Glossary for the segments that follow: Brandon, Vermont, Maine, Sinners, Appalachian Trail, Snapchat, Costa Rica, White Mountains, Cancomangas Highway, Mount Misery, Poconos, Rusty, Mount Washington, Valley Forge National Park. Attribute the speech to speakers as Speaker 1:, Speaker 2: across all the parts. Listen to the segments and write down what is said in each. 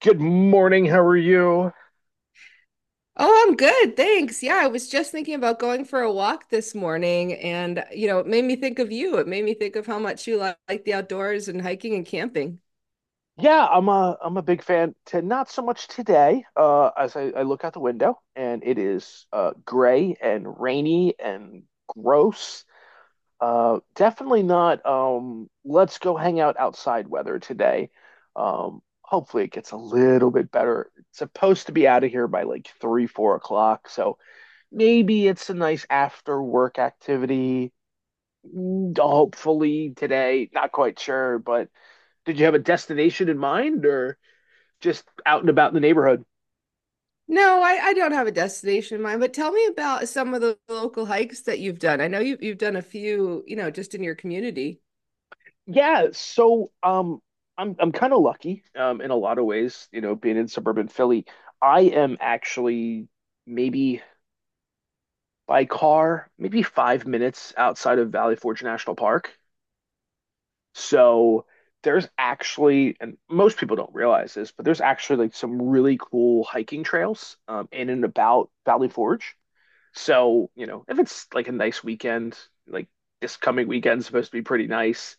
Speaker 1: Good morning. How are you?
Speaker 2: Oh, I'm good. Thanks. Yeah, I was just thinking about going for a walk this morning and, you know, it made me think of you. It made me think of how much like the outdoors and hiking and camping.
Speaker 1: Yeah, I'm a big fan to not so much today, as I look out the window, and it is gray and rainy and gross. Definitely not let's go hang out outside weather today. Hopefully it gets a little bit better. It's supposed to be out of here by like 3, 4 o'clock, so maybe it's a nice after work activity. Mm, Hopefully today, not quite sure, but. Did you have a destination in mind, or just out and about in the neighborhood?
Speaker 2: No, I don't have a destination in mind, but tell me about some of the local hikes that you've done. I know you've done a few, you know, just in your community.
Speaker 1: Yeah, so I'm kind of lucky in a lot of ways, you know, being in suburban Philly. I am actually maybe, by car, maybe 5 minutes outside of Valley Forge National Park. So there's actually, and most people don't realize this, but there's actually like some really cool hiking trails in and about Valley Forge. So, you know, if it's like a nice weekend, like this coming weekend's supposed to be pretty nice,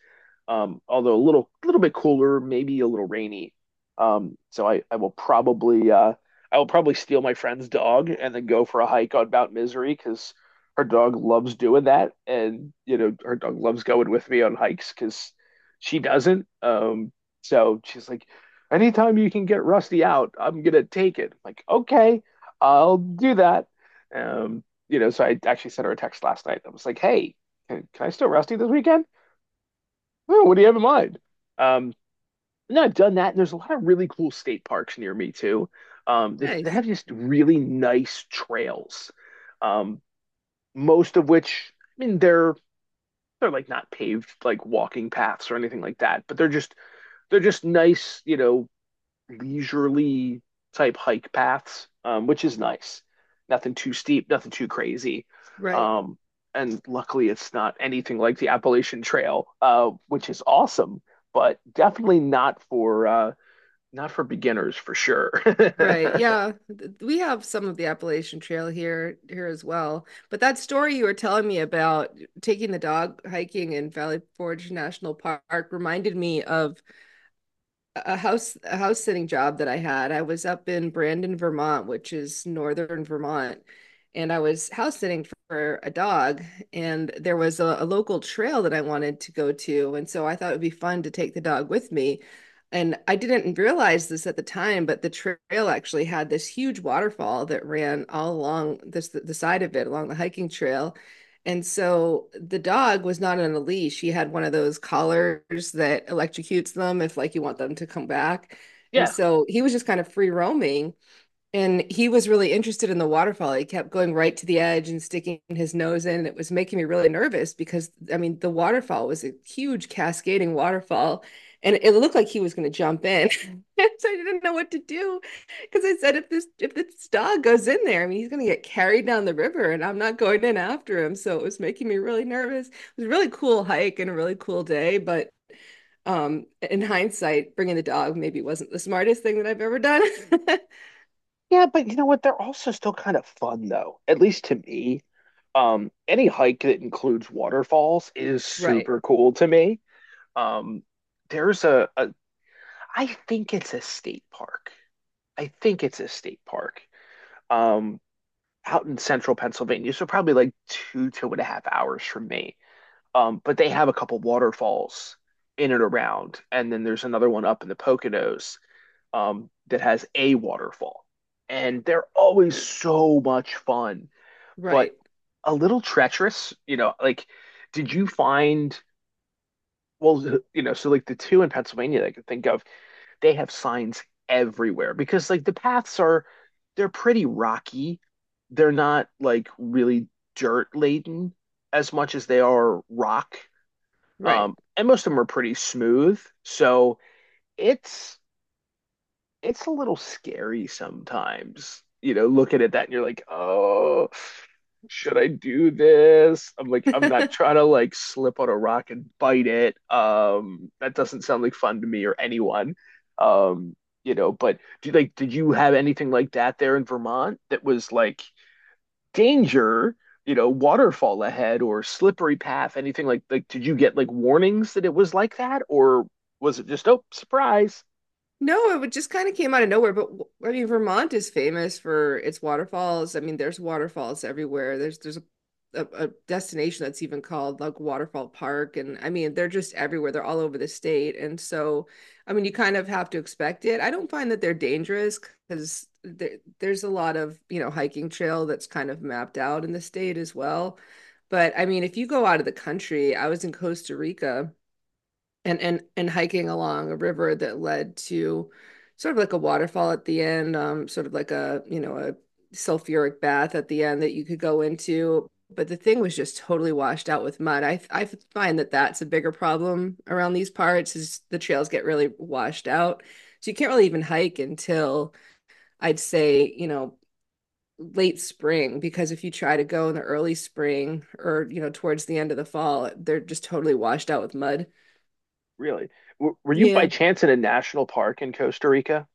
Speaker 1: although a little bit cooler, maybe a little rainy. So I will probably steal my friend's dog and then go for a hike on Mount Misery because her dog loves doing that, and you know her dog loves going with me on hikes because she doesn't. So she's like, anytime you can get Rusty out, I'm gonna take it. I'm like, okay, I'll do that. Um, you know, so I actually sent her a text last night that was like, "Hey, can I still Rusty this weekend? Oh, what do you have in mind?" Um, no, I've done that, and there's a lot of really cool state parks near me too. They
Speaker 2: Nice.
Speaker 1: have just really nice trails, um, most of which, I mean, they're like not paved like walking paths or anything like that, but they're just nice, you know, leisurely type hike paths, which is nice. Nothing too steep, nothing too crazy.
Speaker 2: Right.
Speaker 1: Um, and luckily, it's not anything like the Appalachian Trail, which is awesome, but definitely not for not for beginners for sure.
Speaker 2: Right. Yeah. We have some of the Appalachian Trail here as well. But that story you were telling me about taking the dog hiking in Valley Forge National Park reminded me of a house sitting job that I had. I was up in Brandon, Vermont, which is northern Vermont, and I was house sitting for a dog, and there was a local trail that I wanted to go to, and so I thought it would be fun to take the dog with me. And I didn't realize this at the time, but the trail actually had this huge waterfall that ran all along this the side of it, along the hiking trail. And so the dog was not on a leash. He had one of those collars that electrocutes them if like you want them to come back. And
Speaker 1: Yeah.
Speaker 2: so he was just kind of free roaming. And he was really interested in the waterfall. He kept going right to the edge and sticking his nose in. It was making me really nervous because, I mean, the waterfall was a huge cascading waterfall and it looked like he was going to jump in. So I didn't know what to do because I said, if this dog goes in there, I mean, he's going to get carried down the river and I'm not going in after him. So it was making me really nervous. It was a really cool hike and a really cool day, but in hindsight, bringing the dog maybe wasn't the smartest thing that I've ever done.
Speaker 1: Yeah, but you know what? They're also still kind of fun though, at least to me. Any hike that includes waterfalls is
Speaker 2: Right.
Speaker 1: super cool to me. Um, there's I think it's a state park um, out in central Pennsylvania. So probably like 2.5 hours from me. But they have a couple waterfalls in and around. And then there's another one up in the Poconos that has a waterfall. And they're always so much fun, but
Speaker 2: Right,
Speaker 1: a little treacherous. You know, like, did you find, well, you know, so like the two in Pennsylvania that I could think of, they have signs everywhere because like the paths are they're pretty rocky. They're not like really dirt laden as much as they are rock.
Speaker 2: right.
Speaker 1: And most of them are pretty smooth. So it's it's a little scary sometimes, you know, looking at that and you're like, oh, should I do this? I'm like, I'm not trying to like slip on a rock and bite it. That doesn't sound like fun to me or anyone. Um, you know, but do you like, did you have anything like that there in Vermont that was like danger, you know, waterfall ahead or slippery path, anything like did you get like warnings that it was like that, or was it just, oh, surprise?
Speaker 2: No, it would just kind of came out of nowhere. I mean, Vermont is famous for its waterfalls. I mean, there's waterfalls everywhere. A destination that's even called like Waterfall Park, and I mean, they're just everywhere. They're all over the state, and so I mean, you kind of have to expect it. I don't find that they're dangerous because there's a lot of, you know, hiking trail that's kind of mapped out in the state as well. But I mean, if you go out of the country, I was in Costa Rica. And and hiking along a river that led to sort of like a waterfall at the end, sort of like a, you know, a sulfuric bath at the end that you could go into. But the thing was just totally washed out with mud. I find that that's a bigger problem around these parts is the trails get really washed out. So you can't really even hike until I'd say, you know, late spring because if you try to go in the early spring or, you know, towards the end of the fall, they're just totally washed out with mud.
Speaker 1: Really? W were you by
Speaker 2: Yeah.
Speaker 1: chance in a national park in Costa Rica?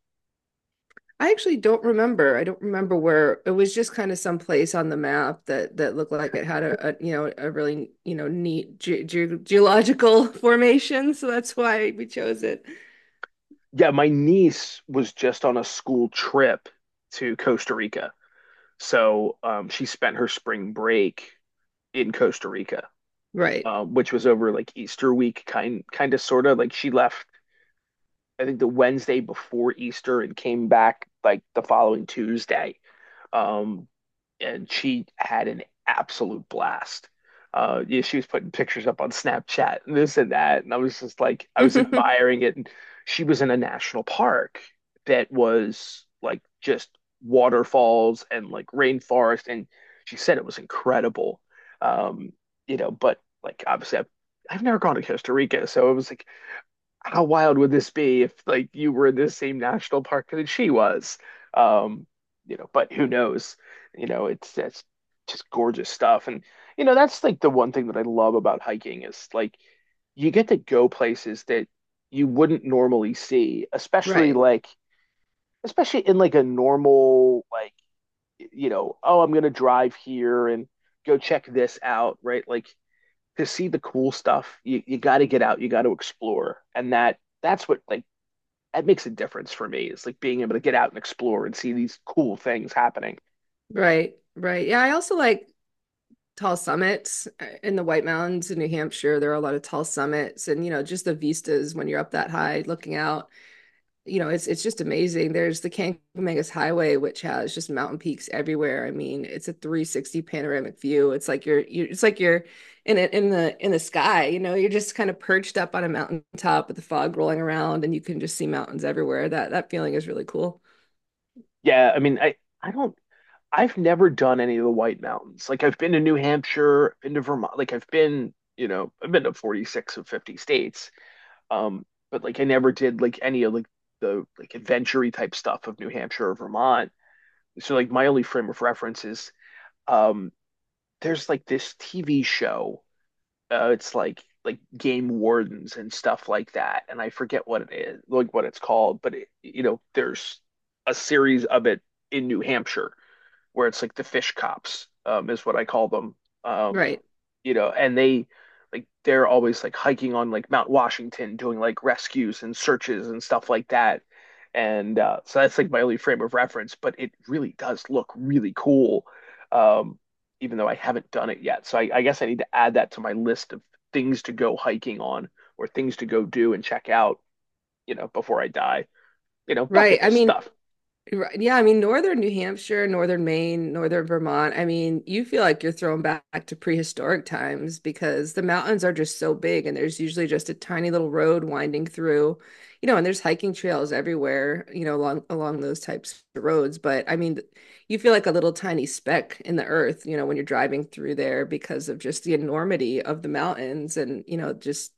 Speaker 2: I actually don't remember. I don't remember where it was, just kind of some place on the map that looked like it had a, you know, a really, you know, neat ge ge geological formation, so that's why we chose it.
Speaker 1: Yeah, my niece was just on a school trip to Costa Rica. So she spent her spring break in Costa Rica,
Speaker 2: Right.
Speaker 1: which was over like Easter week, kind of sort of. Like she left, I think, the Wednesday before Easter and came back like the following Tuesday. Um, and she had an absolute blast. Yeah, she was putting pictures up on Snapchat and this and that, and I was just like, I was admiring it. And she was in a national park that was like just waterfalls and like rainforest, and she said it was incredible. Um, you know, but like obviously, I've never gone to Costa Rica, so it was like, how wild would this be if like you were in this same national park that she was? Um, you know, but who knows? You know, it's that's just gorgeous stuff. And you know, that's like the one thing that I love about hiking is like you get to go places that you wouldn't normally see, especially
Speaker 2: Right.
Speaker 1: like especially in like a normal like, you know, oh, I'm gonna drive here and go check this out, right? Like, to see the cool stuff, you got to get out, you got to explore, and that's what like that makes a difference for me. It's like being able to get out and explore and see these cool things happening.
Speaker 2: Right. Right. Yeah, I also like tall summits in the White Mountains in New Hampshire. There are a lot of tall summits and, you know, just the vistas when you're up that high looking out. You know, it's just amazing. There's the Cancomangas Highway, which has just mountain peaks everywhere. I mean, it's a 360 panoramic view. It's like you're, you it's like you're in it in the sky. You know, you're just kind of perched up on a mountain top with the fog rolling around, and you can just see mountains everywhere. That feeling is really cool.
Speaker 1: Yeah, I mean, I don't I've never done any of the White Mountains. Like I've been to New Hampshire, been to Vermont, like I've been, you know, I've been to 46 of 50 states. Um, but like I never did like any of like the like adventure type stuff of New Hampshire or Vermont. So like my only frame of reference is um there's like this TV show, it's like game wardens and stuff like that. And I forget what it is, like what it's called, but it, you know, there's a series of it in New Hampshire where it's like the fish cops is what I call them. Um,
Speaker 2: Right.
Speaker 1: you know, and they they're always like hiking on like Mount Washington doing like rescues and searches and stuff like that. And so that's like my only frame of reference, but it really does look really cool, um, even though I haven't done it yet. So I guess I need to add that to my list of things to go hiking on, or things to go do and check out, you know, before I die. You know,
Speaker 2: Right.
Speaker 1: bucket
Speaker 2: I
Speaker 1: list
Speaker 2: mean,
Speaker 1: stuff.
Speaker 2: yeah, I mean, northern New Hampshire, northern Maine, northern Vermont. I mean, you feel like you're thrown back to prehistoric times because the mountains are just so big and there's usually just a tiny little road winding through, you know, and there's hiking trails everywhere, you know, along those types of roads. But I mean, you feel like a little tiny speck in the earth, you know, when you're driving through there because of just the enormity of the mountains and, you know, just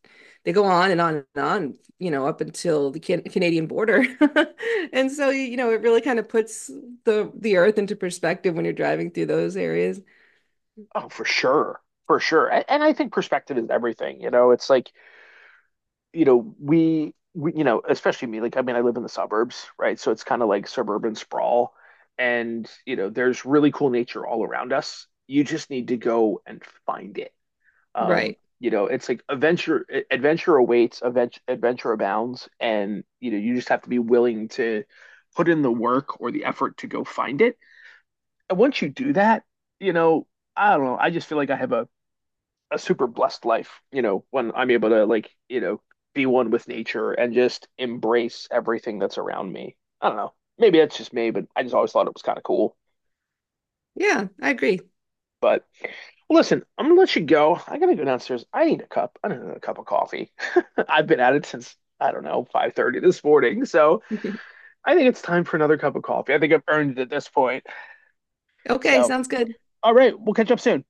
Speaker 2: they go on and on and on, you know, up until the Canadian border. And so, you know, it really kind of puts the earth into perspective when you're driving through those areas.
Speaker 1: Oh, for sure. For sure. And, I think perspective is everything. You know, it's like, you know, you know, especially me, like, I mean, I live in the suburbs, right? So it's kind of like suburban sprawl. And, you know, there's really cool nature all around us. You just need to go and find it.
Speaker 2: Right.
Speaker 1: You know, it's like adventure, adventure awaits, adventure abounds. And, you know, you just have to be willing to put in the work or the effort to go find it. And once you do that, you know, I don't know, I just feel like I have a super blessed life, you know, when I'm able to like, you know, be one with nature and just embrace everything that's around me. I don't know. Maybe that's just me, but I just always thought it was kind of cool.
Speaker 2: Yeah, I agree.
Speaker 1: But listen, I'm gonna let you go. I gotta go downstairs. I need a cup of coffee. I've been at it since I don't know, 5:30 this morning. So I think it's time for another cup of coffee. I think I've earned it at this point.
Speaker 2: Okay,
Speaker 1: So,
Speaker 2: sounds good.
Speaker 1: all right, we'll catch up soon.